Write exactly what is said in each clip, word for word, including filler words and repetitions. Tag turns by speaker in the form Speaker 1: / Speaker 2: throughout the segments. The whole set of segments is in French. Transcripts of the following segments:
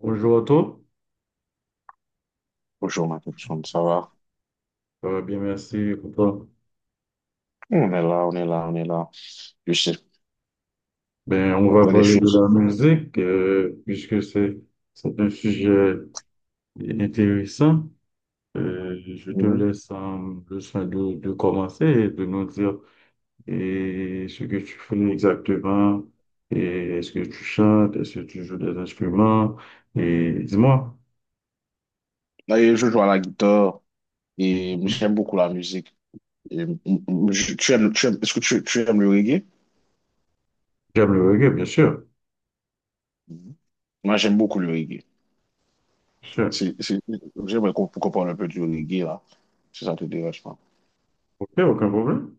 Speaker 1: Bonjour à toi.
Speaker 2: Bonjour, ma personne, ça va?
Speaker 1: Ça va bien, merci. Pour toi.
Speaker 2: On est là, on est là, on est là. Je sais,
Speaker 1: Ben, on
Speaker 2: on
Speaker 1: va
Speaker 2: prend les
Speaker 1: parler de
Speaker 2: choses.
Speaker 1: la musique, euh, puisque c'est, c'est un sujet intéressant. Euh, je te
Speaker 2: Mhm.
Speaker 1: laisse euh, le soin de, de commencer et de nous dire et ce que tu fais exactement, et est-ce que tu chantes, est-ce que tu joues des instruments, et dis-moi.
Speaker 2: Et je joue à la guitare et j'aime beaucoup la musique. Et, mm, mm, je- tu aimes, tu aimes- est-ce que tu, tu aimes le reggae?
Speaker 1: J'aime le reggae, bien sûr.
Speaker 2: Mhm. Moi, j'aime beaucoup le reggae.
Speaker 1: Bien sûr.
Speaker 2: C'est, c'est- j'aimerais qu'on qu'on parle un peu du reggae, là, si ça te dérange pas.
Speaker 1: Ok, aucun problème.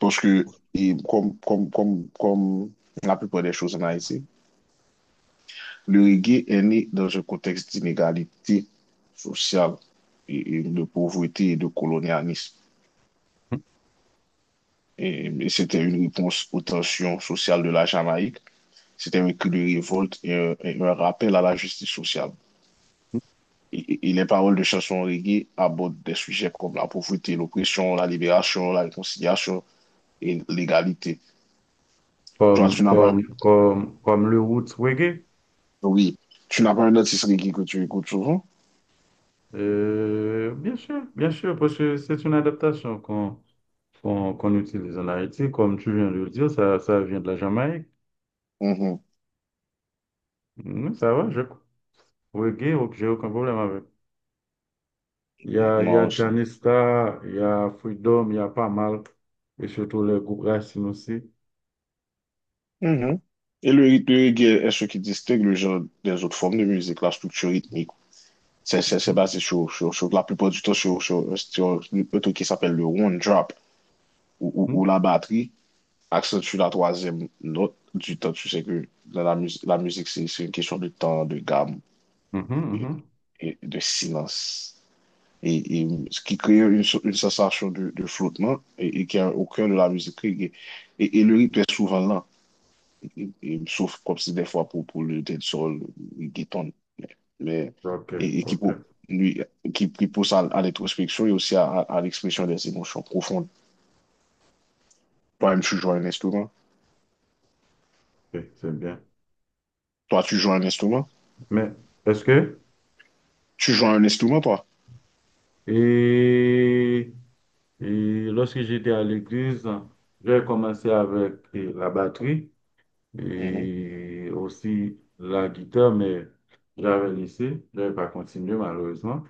Speaker 2: Parce que, et comme, comme, comme, comme la plupart des choses en Haïti, le reggae est né dans un contexte d'inégalité sociale et et de pauvreté et de colonialisme. Et mais c'était une réponse aux tensions sociales de la Jamaïque. C'était un cri de révolte et un, et un rappel à la justice sociale. Et, et- et les paroles de chansons reggae abordent des sujets comme la pauvreté, l'oppression, la libération, la réconciliation et l'égalité. Toi, tu
Speaker 1: Comme,
Speaker 2: n'as pas,
Speaker 1: comme, comme, comme le roots reggae.
Speaker 2: oui, tu n'as pas un artiste reggae que tu écoutes souvent?
Speaker 1: Euh, bien sûr, bien sûr, parce que c'est une adaptation qu'on qu'on qu'on utilise en Haïti. Comme tu viens de le dire, ça, ça vient de la Jamaïque.
Speaker 2: Mhm.
Speaker 1: Mm, ça va, je reggae, ok, ok, j'ai aucun problème avec. Il y a, il y
Speaker 2: Moi
Speaker 1: a
Speaker 2: aussi.
Speaker 1: Janista, il y a Freedom, il y a pas mal, et surtout le groupe Racine aussi.
Speaker 2: Mhm. Et le rythme de reggae est ce qui distingue le genre des autres formes de musique, la structure rythmique. C'est c'est- c'est
Speaker 1: Mm,
Speaker 2: basé sur, sur, sur- la plupart du temps sur, sur, sur un truc qui s'appelle le one drop, ou ou
Speaker 1: mm,
Speaker 2: où la batterie accentue la troisième note du temps. Tu sais que dans la, mus- la musique, c'est c'est une question de temps, de gamme
Speaker 1: mhm,
Speaker 2: et,
Speaker 1: mhm.
Speaker 2: et de silence. Et, et ce qui crée une, so- une sensation de, de flottement et, et qui est au cœur de la musique. Et, et, et le rythme est souvent lent. Et- et- et sauf comme si des fois pour, pour le dead soul, le guitar, mais
Speaker 1: Ok,
Speaker 2: et, et qui,
Speaker 1: ok,
Speaker 2: pou- lui, qui, qui pousse à, à l'introspection et aussi à, à- à l'expression des émotions profondes. Toi-même, tu joues à un instrument.
Speaker 1: ok, c'est bien.
Speaker 2: Toi, tu joues à un instrument.
Speaker 1: Mais est-ce que,
Speaker 2: Tu joues à un instrument, toi.
Speaker 1: et, et lorsque j'étais à l'église, j'ai commencé avec eh, la batterie,
Speaker 2: Mhm,
Speaker 1: et aussi la guitare, mais j'avais laissé, j'avais pas continué malheureusement,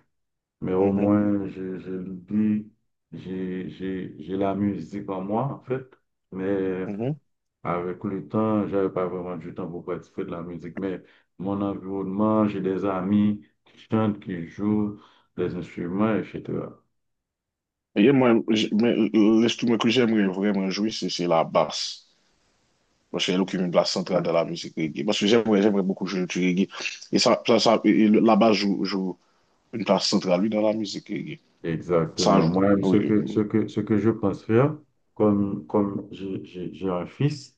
Speaker 1: mais au
Speaker 2: mhm,
Speaker 1: moins je, je l'oublie, j'ai, j'ai, j'ai la musique en moi en fait, mais
Speaker 2: mhm.
Speaker 1: avec le temps, j'avais pas vraiment du temps pour participer de la musique, mais mon environnement, j'ai des amis qui chantent, qui jouent des instruments, et cetera.
Speaker 2: Et moi, j- mais euh, euh, l'instrument que j'aimerais vraiment jouer, c'est c'est la basse. Parce qu'elle occupe une place centrale dans la musique reggae. Parce que j'aimerais j'aimerais beaucoup jouer du reggae. Et ça, ça, ça- et le- la basse joue, joue une place centrale, oui, dans la musique reggae. Ça,
Speaker 1: Exactement.
Speaker 2: je-
Speaker 1: Moi, ce
Speaker 2: oui,
Speaker 1: que, ce
Speaker 2: mhm,
Speaker 1: que, ce que je pense faire, comme, comme j'ai j'ai- j'ai un fils,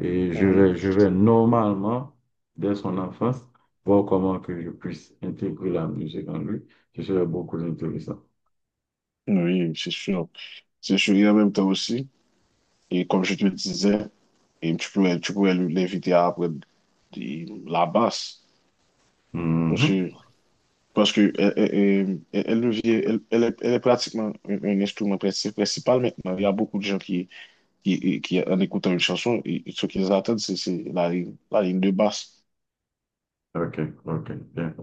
Speaker 1: et je
Speaker 2: mhm.
Speaker 1: vais, je vais normalement, dès son enfance, voir comment que je puisse intégrer la musique en lui. Ce serait beaucoup intéressant.
Speaker 2: Oui, c'est sûr. C'est sûr. Et en même temps aussi. Et comme je te disais, et tu pourrais, tu pourrais l'inviter à apprendre de- la basse. Parce
Speaker 1: Mhm.
Speaker 2: que, parce que elle, elle, elle- elle devient- elle- elle est, elle est pratiquement un, un instrument princi- principal maintenant. Il y a beaucoup de gens qui, qui, qui en écoutant une chanson, et, et ce qu'ils attendent, c'est c'est la ligne, la ligne, de basse.
Speaker 1: OK, OK, bien.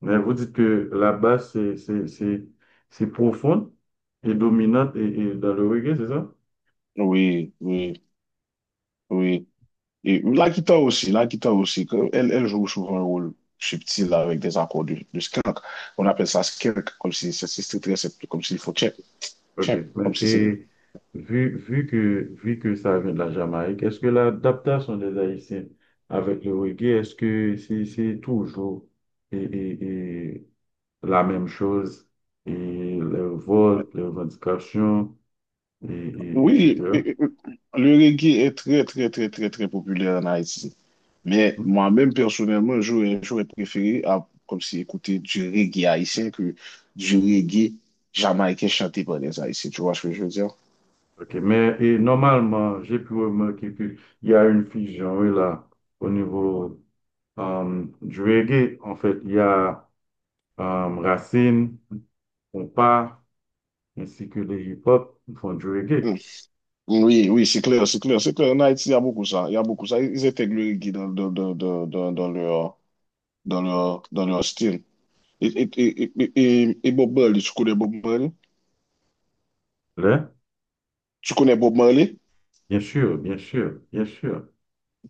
Speaker 1: Mais vous dites que la basse, c'est c'est- c'est- c'est profonde et dominante et, et dans le reggae, c'est ça?
Speaker 2: Oui, oui, oui. Et la guitare aussi, la guitare aussi. que- Elle, elle joue souvent un rôle subtil avec des accords de, de skank. On appelle ça skank comme si c'est c'est très simple, comme s'il faut check,
Speaker 1: OK.
Speaker 2: check, comme
Speaker 1: Mais-
Speaker 2: si c'est.
Speaker 1: Et vu, vu que, vu que ça vient de la Jamaïque, est-ce que l'adaptation des Haïtiens avec le reggae, est-ce que c'est c'est toujours et, et- et la même chose et les votes, les revendications, et, et-
Speaker 2: Oui,
Speaker 1: etc.
Speaker 2: et- et- le reggae est très, très, très, très, très populaire en Haïti. Mais
Speaker 1: Hmm.
Speaker 2: moi-même, personnellement, j'aurais, j'aurais préféré à- comme si écouter du reggae haïtien que du reggae jamaïcain chanté par les Haïtiens. Tu vois ce que je veux dire?
Speaker 1: OK. Mais et normalement, j'ai pu remarquer qu'il y a une fusion oui, là au niveau euh, du reggae. En fait, il y a euh, Racine, Compas, ainsi que le hip-hop font du reggae.
Speaker 2: Mm. Oui, oui, c'est clair, c'est clair, c'est clair. En Haïti, il y a beaucoup ça. Il y a beaucoup ça. Ils intègrent le reggae dans, dans, dans, dans, dans, dans leur, dans leur, dans leur style. Et, et, et, et, et- et Bob Marley, tu connais Bob Marley?
Speaker 1: Là,
Speaker 2: Tu connais Bob Marley?
Speaker 1: bien sûr, bien sûr, bien sûr.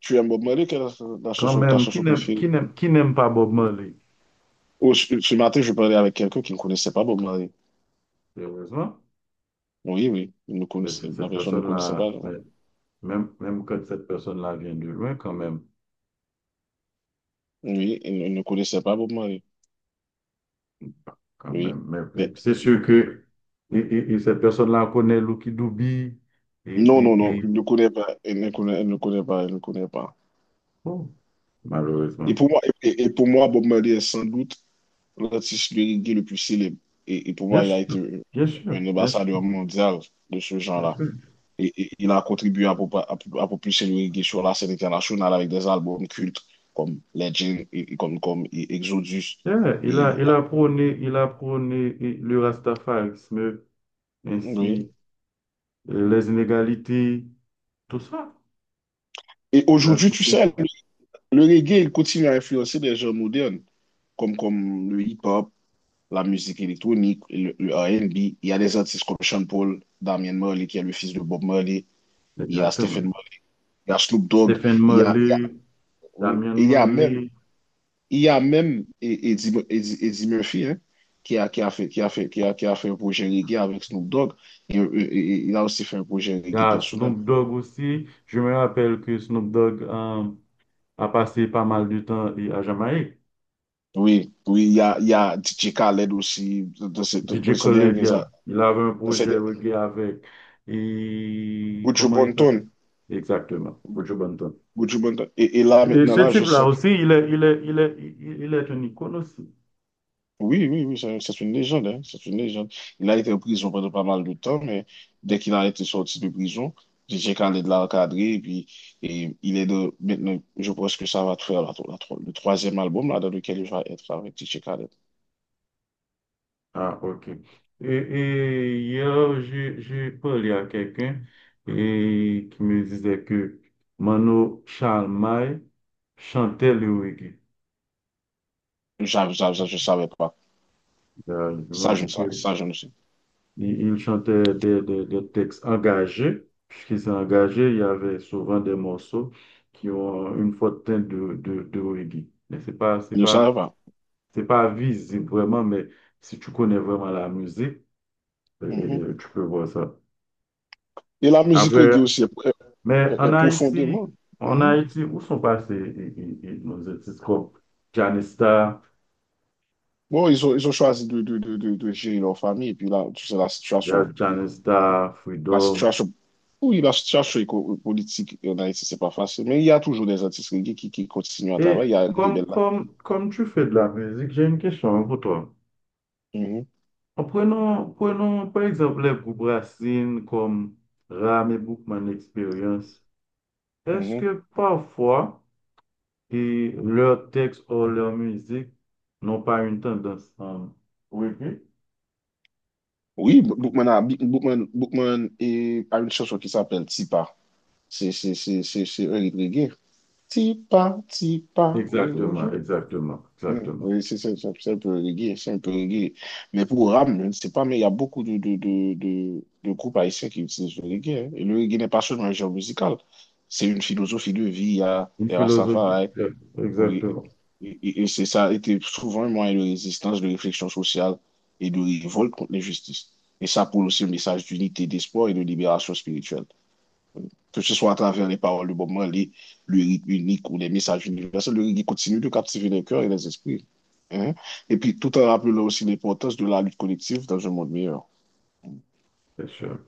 Speaker 2: Tu aimes Bob Marley? Quelle est ta
Speaker 1: Quand
Speaker 2: chanson, ta
Speaker 1: même, qui
Speaker 2: chanson
Speaker 1: n'aime,
Speaker 2: préférée?
Speaker 1: qui n'aime, qui n'aime pas Bob Marley?
Speaker 2: Oh, ce ce matin, je parlais avec quelqu'un qui ne connaissait pas Bob Marley.
Speaker 1: Heureusement,
Speaker 2: Oui, oui, il ne
Speaker 1: mais c'est-
Speaker 2: connaissait, la
Speaker 1: cette
Speaker 2: personne ne connaissait pas,
Speaker 1: personne-là, mais
Speaker 2: genre.
Speaker 1: même, même quand cette personne-là vient de loin, quand même,
Speaker 2: Oui, il ne ne connaissait pas Bob Marley.
Speaker 1: quand
Speaker 2: Oui.
Speaker 1: même. Mais
Speaker 2: Mais-
Speaker 1: c'est sûr que et, et- et cette personne-là connaît Lucky Dubé et,
Speaker 2: non, non,
Speaker 1: et,
Speaker 2: non,
Speaker 1: et
Speaker 2: il ne connaît pas. Il ne connaît, il ne connaît pas. Il ne connaît pas.
Speaker 1: bon,
Speaker 2: Et
Speaker 1: malheureusement.
Speaker 2: pour moi, et, et pour moi, Bob Marley est sans doute l'artiste de reggae le plus célèbre. Et, et pour
Speaker 1: Bien
Speaker 2: moi, il a
Speaker 1: sûr,
Speaker 2: été
Speaker 1: bien sûr,
Speaker 2: un
Speaker 1: bien sûr,
Speaker 2: ambassadeur mondial de ce
Speaker 1: bien
Speaker 2: genre-là.
Speaker 1: sûr.
Speaker 2: Et, et il a contribué à, popa- à, à propulser le reggae sur la scène internationale avec des albums cultes comme Legend et, et comme, comme et Exodus.
Speaker 1: Yeah, il a, il a prôné, il a prôné eh, le rastafarisme
Speaker 2: Oui.
Speaker 1: ainsi euh, les inégalités, tout ça.
Speaker 2: Et
Speaker 1: Il a
Speaker 2: aujourd'hui, tu
Speaker 1: touché
Speaker 2: sais,
Speaker 1: ça.
Speaker 2: le, le reggae, il continue à influencer des genres modernes, comme, comme le hip-hop, la musique électronique, le, le R et B. Il y a des artistes comme Sean Paul, Damien Marley, qui est le fils de Bob Marley. Il y a Stephen
Speaker 1: Exactement.
Speaker 2: Marley, il y a Snoop Dogg.
Speaker 1: Stephen
Speaker 2: Il y a, il y
Speaker 1: Marley,
Speaker 2: a- oui.
Speaker 1: Damien
Speaker 2: Et il y a même,
Speaker 1: Marley,
Speaker 2: il y a même E- Eddie, Eddie- Eddie Murphy, hein, qui a, qui a fait, qui a fait, qui a, qui a fait un projet reggae avec Snoop Dogg. Et, et- et il a aussi fait un projet
Speaker 1: il y
Speaker 2: reggae
Speaker 1: a
Speaker 2: personnel.
Speaker 1: Snoop Dogg aussi. Je me rappelle que Snoop Dogg euh, a passé pas mal de temps et- à Jamaïque.
Speaker 2: Oui, oui, il y a, il y a D J Khaled aussi, de, de, de, de
Speaker 1: D J
Speaker 2: ces
Speaker 1: Khaled,
Speaker 2: derniers
Speaker 1: yeah, il avait un
Speaker 2: dans cette.
Speaker 1: projet reggae avec. Et
Speaker 2: Gucci
Speaker 1: comment il s'appelle?
Speaker 2: Bonton,
Speaker 1: Exactement, Buju Banton.
Speaker 2: Gucci Bonton. Et, et là,
Speaker 1: Et
Speaker 2: maintenant,
Speaker 1: ce
Speaker 2: là, je
Speaker 1: type-là
Speaker 2: sens que,
Speaker 1: aussi, il est, il est, il est, il il est une icône aussi.
Speaker 2: oui, oui, oui, c'est c'est une légende, hein, c'est une légende. Il a été en prison pendant pas mal de temps, mais dès qu'il a été sorti de prison, D J Khaled l'a encadré, et puis et il est de, maintenant, je pense que ça va faire la- la- le troisième album là, dans lequel il va être avec D J Khaled.
Speaker 1: Ah, ok. Et, et hier, j'ai j'ai parlé à quelqu'un et qui me disait que Mano Chalmai chantait le reggae.
Speaker 2: Ça, ça, ça, je ne savais pas.
Speaker 1: Euh, Il m'a
Speaker 2: Ça, je ne
Speaker 1: dit que
Speaker 2: savais, ça, je ne sais-
Speaker 1: il, il chantait des, des, des textes engagés. Puisqu'il s'est engagé, il y avait souvent des morceaux qui ont une forte teinte de, de, de reggae. Mais c'est pas, c'est
Speaker 2: je ne savais
Speaker 1: pas,
Speaker 2: pas.
Speaker 1: c'est pas visible vraiment, mais si tu connais vraiment la musique, euh,
Speaker 2: Mhm.
Speaker 1: euh, tu peux voir ça.
Speaker 2: Et la musique reggae
Speaker 1: Après,
Speaker 2: aussi est,
Speaker 1: mais
Speaker 2: est- est
Speaker 1: en Haïti,
Speaker 2: profondément.
Speaker 1: en
Speaker 2: Mm-hmm.
Speaker 1: Haïti, où sont passés et- et- et nos artistes comme Janista,
Speaker 2: Bon, ils ont, ils ont choisi de, de, de, de, de gérer leur famille. Et puis là, tu sais, la
Speaker 1: il y a
Speaker 2: situation,
Speaker 1: Janista,
Speaker 2: la
Speaker 1: Freedom.
Speaker 2: situation, oui, la situation éco- politique en Haïti, c'est pas facile. Mais il y a toujours des artistes reggae qui, qui continuent à
Speaker 1: Et
Speaker 2: travailler. Il y a des
Speaker 1: comme,
Speaker 2: belles là.
Speaker 1: comme, comme tu fais de la musique, j'ai une question pour toi.
Speaker 2: Mhm,
Speaker 1: En Prenons, prenons par exemple les groupes racines comme Ram et Bookman Experience. Est-ce
Speaker 2: mhm.
Speaker 1: que parfois et leurs textes ou leur musique n'ont pas une tendance à... Oui, oui.
Speaker 2: Oui, B- Bookman a, B- Bookman, Bookman et, a une chanson qui s'appelle Tipa. C'est c'est- c'est- c'est- c'est un hit reggae. Tipa, Tipa, oui.
Speaker 1: Exactement, exactement,
Speaker 2: Mm.
Speaker 1: exactement.
Speaker 2: Oui, c'est ça, c'est un c'est un peu reggae, c'est un peu reggae. Mais pour Ram, je ne sais pas, mais il y a beaucoup de, de, de, de, de groupes haïtiens qui utilisent le reggae, hein. Et le reggae n'est pas seulement un genre musical, c'est une philosophie de vie. Il y a
Speaker 1: Une
Speaker 2: les
Speaker 1: philosophie,
Speaker 2: Rastafari,
Speaker 1: yeah,
Speaker 2: oui.
Speaker 1: exactement,
Speaker 2: Et, et- et c'est ça a été souvent un moyen de résistance, de réflexion sociale et de révolte contre l'injustice. Et ça pour aussi un message d'unité, d'espoir et de libération spirituelle, que ce soit à travers les paroles du Bob Marley, le rythme unique ou les messages universels, le reggae continue de captiver les cœurs et les esprits, hein. Et puis, tout en rappelant aussi l'importance de la lutte collective dans un monde meilleur.
Speaker 1: c'est sûr.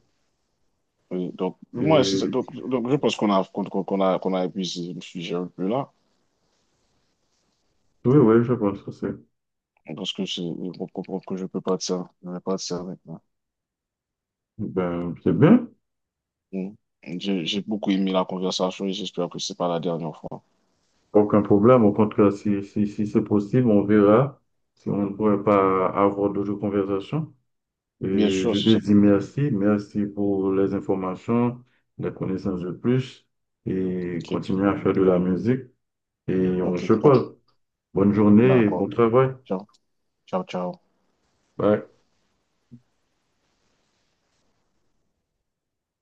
Speaker 2: Oui, donc, moi, c'est- donc,
Speaker 1: Et
Speaker 2: donc, je pense qu'on a, qu'on qu'on a, qu'on a épuisé le sujet un peu là.
Speaker 1: oui, oui, je pense que c'est
Speaker 2: Je pense que c'est- on comprend que je peux partir, je vais partir maintenant.
Speaker 1: ben, c'est bien.
Speaker 2: Mm. J'ai j'ai beaucoup aimé la conversation et j'espère que c'est pas la dernière fois.
Speaker 1: Aucun problème. Au contraire, si, si, si c'est possible, on verra si on ne pourrait pas avoir d'autres conversations.
Speaker 2: Bien
Speaker 1: Et
Speaker 2: sûr,
Speaker 1: je
Speaker 2: c'est
Speaker 1: te
Speaker 2: ça.
Speaker 1: dis merci. Merci pour les informations, la connaissance de plus. Et
Speaker 2: Ok,
Speaker 1: continue à faire de la musique. Et on
Speaker 2: ok,
Speaker 1: se
Speaker 2: bon,
Speaker 1: parle. Bonne journée et bon
Speaker 2: d'accord.
Speaker 1: travail.
Speaker 2: Ciao, ciao, ciao.
Speaker 1: Bye.